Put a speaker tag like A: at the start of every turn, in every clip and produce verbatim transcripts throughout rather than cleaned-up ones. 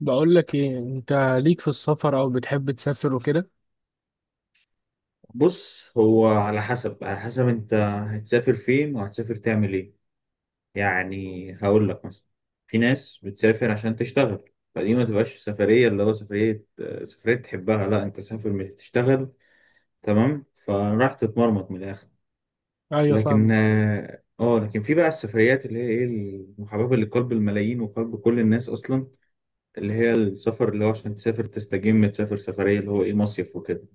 A: بقول لك ايه، انت ليك في السفر او بتحب تسافر وكده؟
B: بص، هو على حسب على حسب انت هتسافر فين وهتسافر تعمل ايه؟ يعني هقول لك مثلا، في ناس بتسافر عشان تشتغل. فدي ما تبقاش سفرية، اللي هو سفرية سفرية تحبها. لا، انت سافر مش تشتغل، تمام؟ فراح تتمرمط من الاخر.
A: ايوه
B: لكن
A: فاهمك.
B: اه آه، لكن في بقى السفريات اللي هي ايه المحببة لقلب الملايين وقلب كل الناس اصلا، اللي هي السفر، اللي هو عشان تسافر تستجم، تسافر سفرية اللي هو ايه مصيف وكده.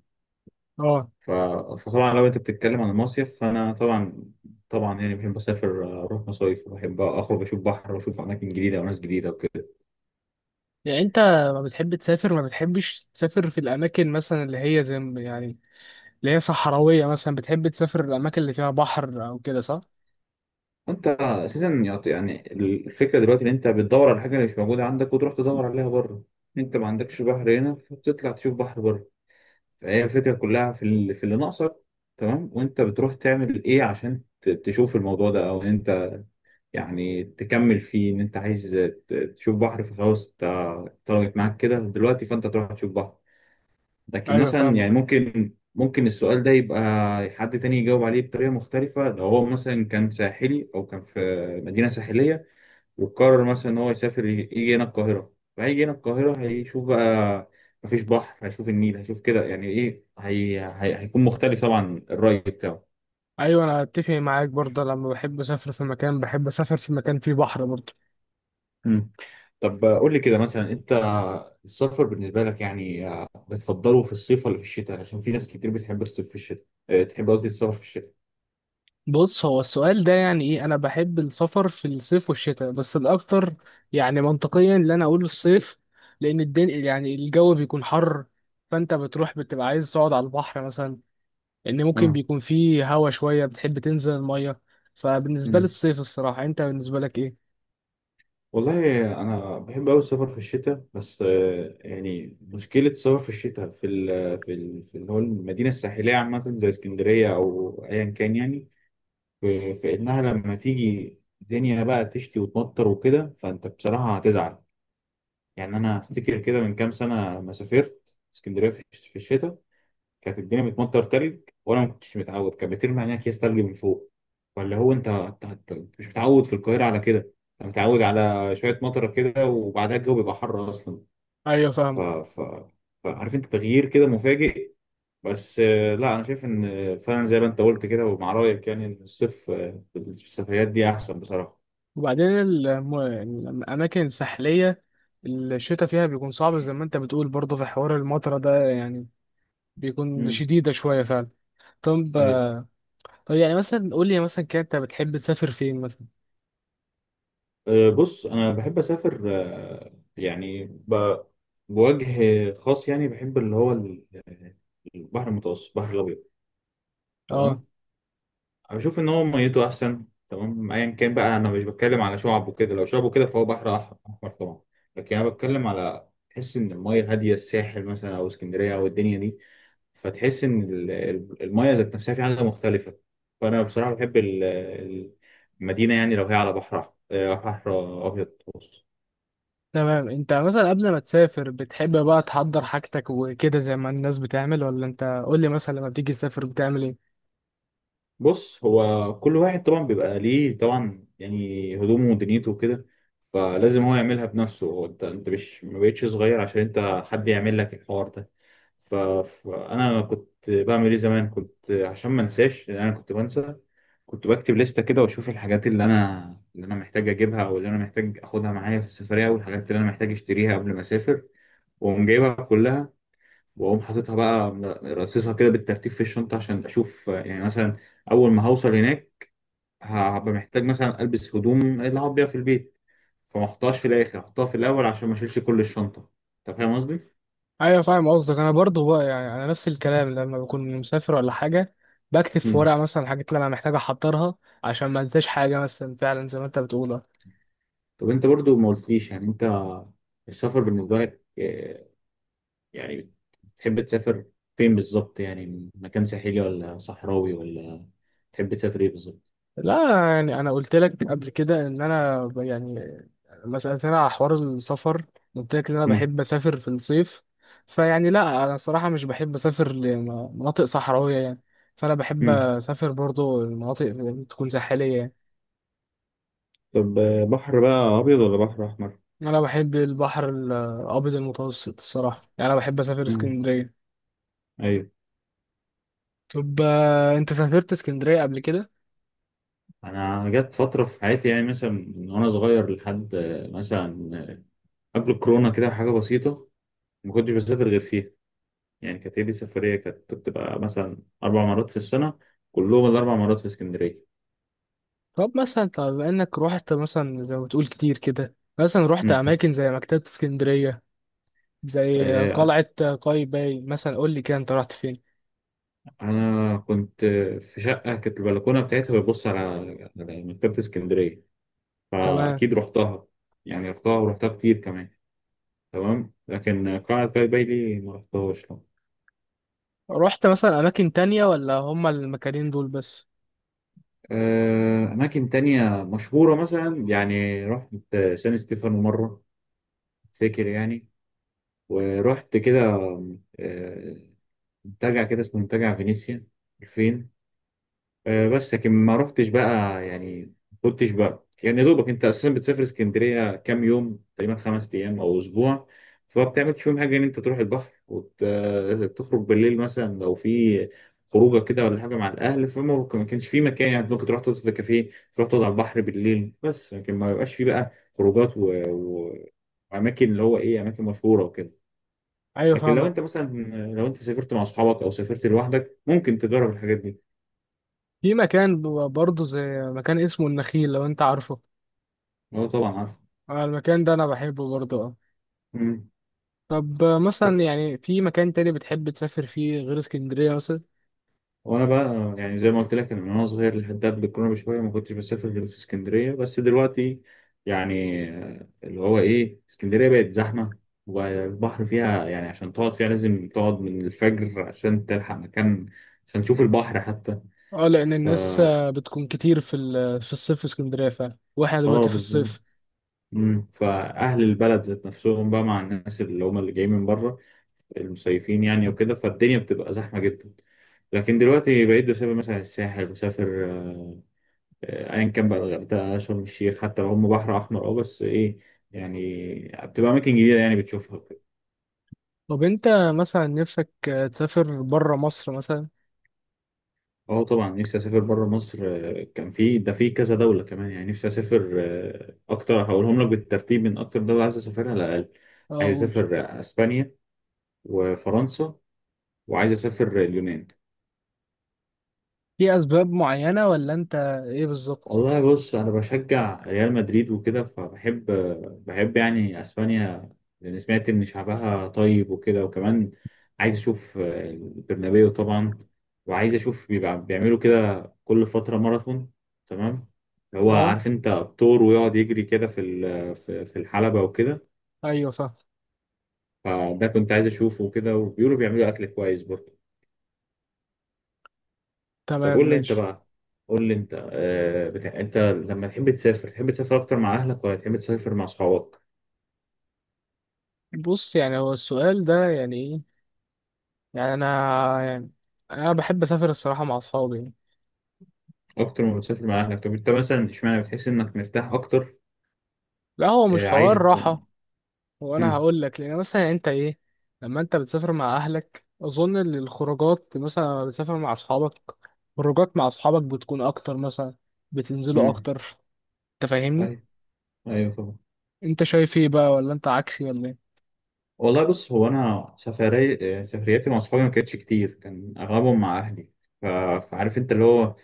A: اه
B: ف- فطبعا لو انت بتتكلم عن المصيف فانا طبعا طبعا، يعني بحب اسافر، آه، اروح مصايف، وبحب اخرج اشوف بحر واشوف اماكن جديده وناس جديده وكده.
A: يعني انت ما بتحب تسافر، ما بتحبش تسافر في الاماكن مثلا اللي هي زي ما- يعني اللي هي صحراويه مثلا؟ بتحب تسافر الاماكن اللي فيها بحر او كده، صح؟
B: انت اساسا يعط- يعني الفكره دلوقتي ان انت بتدور على حاجه اللي مش موجوده عندك وتروح تدور عليها بره. انت ما عندكش بحر هنا فبتطلع تشوف بحر بره. فهي الفكره كلها في اللي في اللي ناقصك. تمام، وانت بتروح تعمل ايه عشان ت- تشوف الموضوع ده؟ او ان انت يعني تكمل فيه ان انت عايز ت- تشوف بحر، فخلاص ط- طلبت معاك كده دلوقتي فانت تروح تشوف بحر. لكن
A: ايوه
B: مثلا يعني
A: فاهمك.
B: ممكن ممكن السؤال ده يبقى حد تاني يجاوب عليه بطريقة مختلفة، لو هو مثلا كان ساحلي أو كان في مدينة ساحلية، وقرر مثلا إن هو يسافر يجي هنا القاهرة. فهيجي هنا القاهرة، هيشوف بقى مفيش بحر، هيشوف النيل، هيشوف كده، يعني إيه هي... هي... هيكون مختلف طبعا الرأي بتاعه.
A: ايوه انا اتفق معاك برضه، لما بحب اسافر في مكان بحب اسافر في مكان فيه بحر برضه.
B: مم. طب قول لي كده مثلا، أنت السفر بالنسبة لك يعني بتفضله في الصيف ولا في الشتاء؟ عشان في ناس كتير بتحب الصيف، في الشتاء أه، تحب، قصدي، السفر في الشتاء.
A: بص هو السؤال ده يعني ايه، انا بحب السفر في الصيف والشتاء بس الاكتر يعني منطقيا اللي انا اقول الصيف، لان الدنيا يعني الجو بيكون حر، فانت بتروح بتبقى عايز تقعد على البحر مثلا، لان ممكن
B: اه.
A: بيكون فيه هوا شوية، بتحب تنزل المية. فبالنسبة لي
B: مم.
A: الصيف، الصراحة انت بالنسبة لك ايه؟
B: والله انا بحب قوي السفر في الشتاء، بس آه، يعني مشكله السفر في الشتاء في ال في ال في اللي هو المدينه الساحليه عامه زي اسكندريه او ايا كان، يعني في, في انها لما تيجي الدنيا بقى تشتي وتمطر وكده فانت بصراحه هتزعل. يعني انا افتكر كده من كام سنه لما سافرت اسكندريه في في الشتاء، كانت الدنيا بتمطر تلج، وانا ما كنتش متعود، كانت بترمي علينا اكياس تلج من فوق. فاللي هو انت أنت- أنت مش متعود في القاهره على كده. انت متعود على شويه مطره كده وبعدها الجو بيبقى حر اصلا.
A: ايوه
B: ف...
A: فاهمك.
B: ف... فعارف انت تغيير كده مفاجئ. بس آه، لا، انا شايف ان آه، فعلا زي ما انت قلت كده، ومع رايك يعني، ان الصيف آه، في السفريات دي احسن بصراحه.
A: وبعدين الم- يعني الاماكن الساحلية الشتاء فيها بيكون صعب زي ما انت بتقول برضه، في حوار المطرة ده يعني بيكون
B: امم.
A: شديدة شوية فعلا. طب، طب يعني مثلا قول لي مثلا كده، انت بتحب تسافر فين مثلا؟
B: آه، بص انا بحب اسافر، آه، يعني ب- بوجه خاص، يعني بحب اللي هو ال- البحر المتوسط، البحر الابيض.
A: اه.
B: تمام. بشوف ان هو ميته احسن، تمام، ايا كان بقى. انا مش بتكلم على شعب وكده، لو شعب وكده فهو بحر أح- احمر طبعا. لكن انا بتكلم على تحس ان الميه هاديه، الساحل مثلا او اسكندريه او الدنيا دي، فتحس ان ال- ال- الميه ذات نفسها في حاجه مختلفه. فانا بصراحه بحب ال- المدينه، يعني لو هي على بحرها، آه، بحر ابيض.
A: تمام. انت مثلا قبل ما تسافر بتحب بقى تحضر حاجتك وكده زي ما الناس بتعمل، ولا انت قول لي مثلا لما بتيجي تسافر بتعمل ايه؟
B: بص، هو كل واحد طبعا بيبقى ليه طبعا، يعني هدومه ودنيته وكده، فلازم هو يعملها بنفسه هو. انت انت مش ما بقتش صغير عشان انت حد يعمل لك الحوار ده. ف- فانا كنت بعمل ايه زمان؟ كنت عشان ما انساش، لان انا كنت بنسى، كنت بكتب لستة كده واشوف الحاجات اللي انا اللي انا محتاج اجيبها، او اللي انا محتاج اخدها معايا في السفرية، والحاجات اللي انا محتاج اشتريها قبل ما اسافر. واقوم جايبها كلها، واقوم حاططها بقى، رصصها كده بالترتيب في الشنطه عشان اشوف، آه، يعني مثلا، اول ما هوصل هناك ه- هبقى محتاج مثلا البس هدوم اللي هقعد بيها في البيت، فما احطهاش في الاخر، احطها في الاول عشان ما اشيلش كل الشنطه. انت فاهم قصدي؟
A: ايوه فاهم قصدك، انا برضو بقى يعني انا نفس الكلام، لما بكون مسافر ولا حاجه بكتب في
B: مم.
A: ورقه مثلا الحاجات اللي انا محتاج احضرها، عشان ما انساش حاجه مثلا، فعلا زي ما انت بتقول.
B: طب انت برضو ما قلتليش، يعني انت السفر بالنسبه لك آه، يعني بتحب تسافر فين بالظبط؟ يعني مكان ساحلي ولا صحراوي ولا تحب تسافر ايه بالظبط؟
A: لا يعني انا قلت لك قبل كده ان انا ب- يعني لما سالتني على حوار السفر قلت لك ان انا
B: مم.
A: بحب اسافر في الصيف، فيعني لا انا الصراحه مش بحب اسافر لمناطق صحراويه يعني، فانا بحب
B: مم.
A: اسافر برضو المناطق تكون ساحليه يعني.
B: طب آه، بحر بقى ابيض ولا بحر احمر؟
A: انا بحب البحر الابيض المتوسط الصراحه، يعني انا بحب اسافر
B: امم.
A: اسكندريه. طب آه، انت سافرت اسكندريه قبل كده؟
B: انا جت فتره في حياتي، يعني مثلا من وانا صغير لحد آه، مثلا قبل الكورونا كده حاجه بسيطه ما كنتش بسافر غير فيها. يعني كانت هي دي سفريه، كانت بتبقى مثلا اربع مرات في السنه، كلهم الاربع مرات في اسكندريه.
A: طب مثلا، طب انك روحت مثلا زي ما بتقول كتير كده، مثلا روحت
B: مم.
A: اماكن زي مكتبه اسكندريه، زي
B: آه،
A: قلعة قايتباي مثلا، قول لي كده انت رحت فين؟
B: انا كنت آه، في شقه كانت البلكونه بتاعتها بتبص على على مكتبه اسكندريه،
A: تمام.
B: فاكيد رحتها، يعني رحتها ورحتها كتير كمان. تمام، لكن قلعه قايتباي دي ما رحتهاش.
A: رحت مثلا اماكن تانية ولا هما المكانين دول بس؟
B: آه، أماكن تانية مشهورة مثلا، يعني رحت سان ستيفانو مرة، فاكر يعني، ورحت كده آه، منتجع كده اسمه منتجع فينيسيا الفين. آه، بس لكن ما رحتش بقى، يعني كنتش بقى، يعني يا دوبك، انت اساسا بتسافر اسكندريه كام يوم تقريبا؟ خمس ايام او اسبوع، فما بتعملش فيهم حاجه ان انت تروح البحر وتخرج بالليل مثلا لو في خروجه كده ولا حاجه مع الاهل، فما ما كانش في مكان يعني ممكن تروح تقعد في كافيه، تروح تقعد على البحر بالليل، بس لكن ما بيبقاش في بقى خروجات و... و... واماكن اللي هو ايه اماكن مشهوره وكده.
A: ايوه
B: لكن لو انت
A: فاهمك.
B: مثلا، لو انت سافرت مع اصحابك او سافرت لوحدك ممكن تجرب الحاجات دي.
A: في مكان ب- برضه زي مكان اسمه النخيل، لو انت عارفه.
B: اه، طبعا،
A: آه، المكان ده انا بحبه برضه اه.
B: عارف.
A: طب آه، مثلا يعني في مكان تاني بتحب تسافر فيه غير اسكندرية مثلا؟
B: وانا بقى أنا يعني زي ما قلت لك، انا من وانا صغير لحد قبل الكورونا بشويه ما كنتش بسافر غير في اسكندريه، بس دلوقتي يعني آه، اللي هو ايه، اسكندريه بقت زحمه، والبحر فيها يعني عشان تقعد فيها لازم تقعد من الفجر عشان تلحق مكان عشان تشوف البحر حتى.
A: اه لان
B: ف
A: الناس آه، بتكون كتير في ال- في الصيف في اسكندرية فعلا، واحنا
B: اه
A: دلوقتي في
B: بالظبط.
A: الصيف.
B: مم. فاهل البلد ذات نفسهم بقى مع الناس اللي هم اللي جايين من بره، المصيفين يعني وكده، فالدنيا بتبقى زحمه جدا. لكن دلوقتي بقيت بسافر مثلا الساحل، بسافر آه، آه، ايا كان بقى، الغردقه، شرم الشيخ، حتى لو هم بحر احمر، اه، بس ايه، يعني بتبقى اماكن جديده يعني بتشوفها وكده.
A: طب انت مثلا نفسك آه، تسافر بره مصر مثلا؟
B: اه طبعا، نفسي اسافر بره مصر، آه، كان في ده في كذا دوله كمان، يعني نفسي اسافر آه، اكتر، هقولهم لك بالترتيب من اكتر دوله عايز اسافرها على الاقل.
A: اه
B: عايز
A: قول.
B: اسافر آه، اسبانيا وفرنسا، وعايز اسافر آه، اليونان.
A: في اسباب معينة ولا انت ايه بالظبط؟
B: والله بص، انا بشجع ريال مدريد وكده، فبحب بحب يعني اسبانيا، لان سمعت ان شعبها طيب وكده، وكمان عايز اشوف البرنابيو طبعا، وعايز اشوف بيبقى بيعملوا كده كل فتره ماراثون، تمام، هو
A: اه.
B: عارف انت الطور ويقعد يجري كده في ال- في في الحلبه وكده،
A: ايوه فاهم.
B: فده كنت عايز اشوفه وكده، وبيقولوا بيعملوا اكل كويس برضه. طب
A: تمام
B: قول لي انت
A: ماشي.
B: بقى، قول لي انت آه، بتاع، انت لما تحب تسافر تحب تسافر اكتر مع اهلك ولا تحب تسافر مع اصحابك؟
A: بص يعني هو السؤال ده يعني ايه، يعني انا يعني انا بحب اسافر الصراحة مع اصحابي يعني.
B: اكتر ما بتسافر مع اهلك؟ طب انت مثلا، اشمعنى بتحس انك مرتاح اكتر؟
A: لا هو مش
B: آه، عايش
A: حوار
B: ب...
A: راحة. هو انا
B: مم.
A: هقول لك، لان مثلا انت ايه، لما انت بتسافر مع اهلك اظن ان الخروجات مثلا لما بتسافر مع اصحابك، خروجات مع اصحابك بتكون اكتر مثلا، بتنزلوا
B: مم.
A: اكتر. انت فاهمني؟
B: ايوه، ايوه طبعا.
A: انت شايف ايه بقى، ولا انت عكسي ولا ايه؟
B: والله بص، هو انا سفري آه، سفرياتي مع اصحابي ما كانتش كتير، كان اغلبهم مع اهلي. ف... فعارف انت اللي هو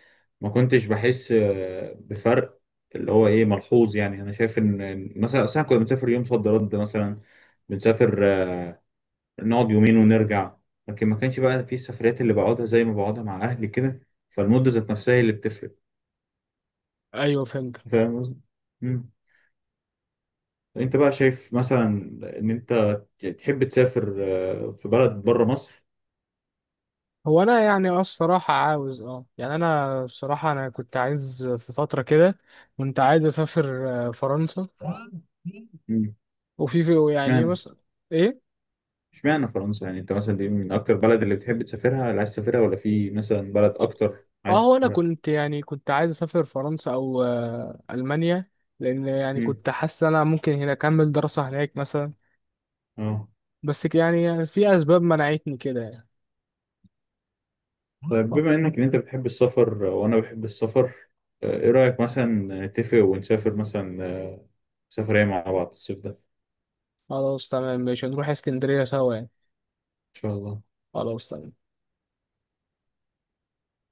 B: ما كنتش بحس آه، بفرق اللي هو ايه ملحوظ، يعني انا شايف ان إن مثلا اصل احنا كنا بنسافر يوم صد رد مثلا، بنسافر آه، نقعد يومين ونرجع. لكن ما كانش بقى في السفريات اللي بقعدها زي ما بقعدها مع اهلي كده، فالمدة ذات نفسها هي اللي بتفرق.
A: ايوه فهمت.
B: فاهم قصدي؟ مم. انت بقى شايف مثلا ان انت تحب تسافر آه، في بلد بره مصر؟
A: هو انا يعني اه الصراحه عاوز اه يعني انا بصراحه انا كنت عايز في فتره كده، كنت عايز اسافر آه، فرنسا،
B: مم.
A: وفي في يعني
B: اشمعنى
A: مثلا ايه.
B: اشمعنى فرنسا؟ يعني انت مثلا دي من اكتر بلد اللي بتحب تسافرها، اللي عايز تسافرها، ولا في مثلا بلد
A: اه.
B: اكتر
A: آه،
B: عايز
A: هو انا
B: تسافرها؟
A: كنت يعني كنت عايز اسافر فرنسا او آه، المانيا، لان يعني
B: امم.
A: كنت حاسس انا ممكن هنا اكمل دراسه هناك مثلا،
B: اه.
A: بس ك- يعني في اسباب منعتني كده يعني.
B: طيب بما انك ان انت بتحب السفر آه، وانا بحب السفر، آه، ايه رأيك مثلا نتفق ونسافر مثلا آه، سفرية مع بعض الصيف ده، ان
A: خلاص تمام ماشي، نروح اسكندريه سوا يعني.
B: شاء الله.
A: خلاص تمام.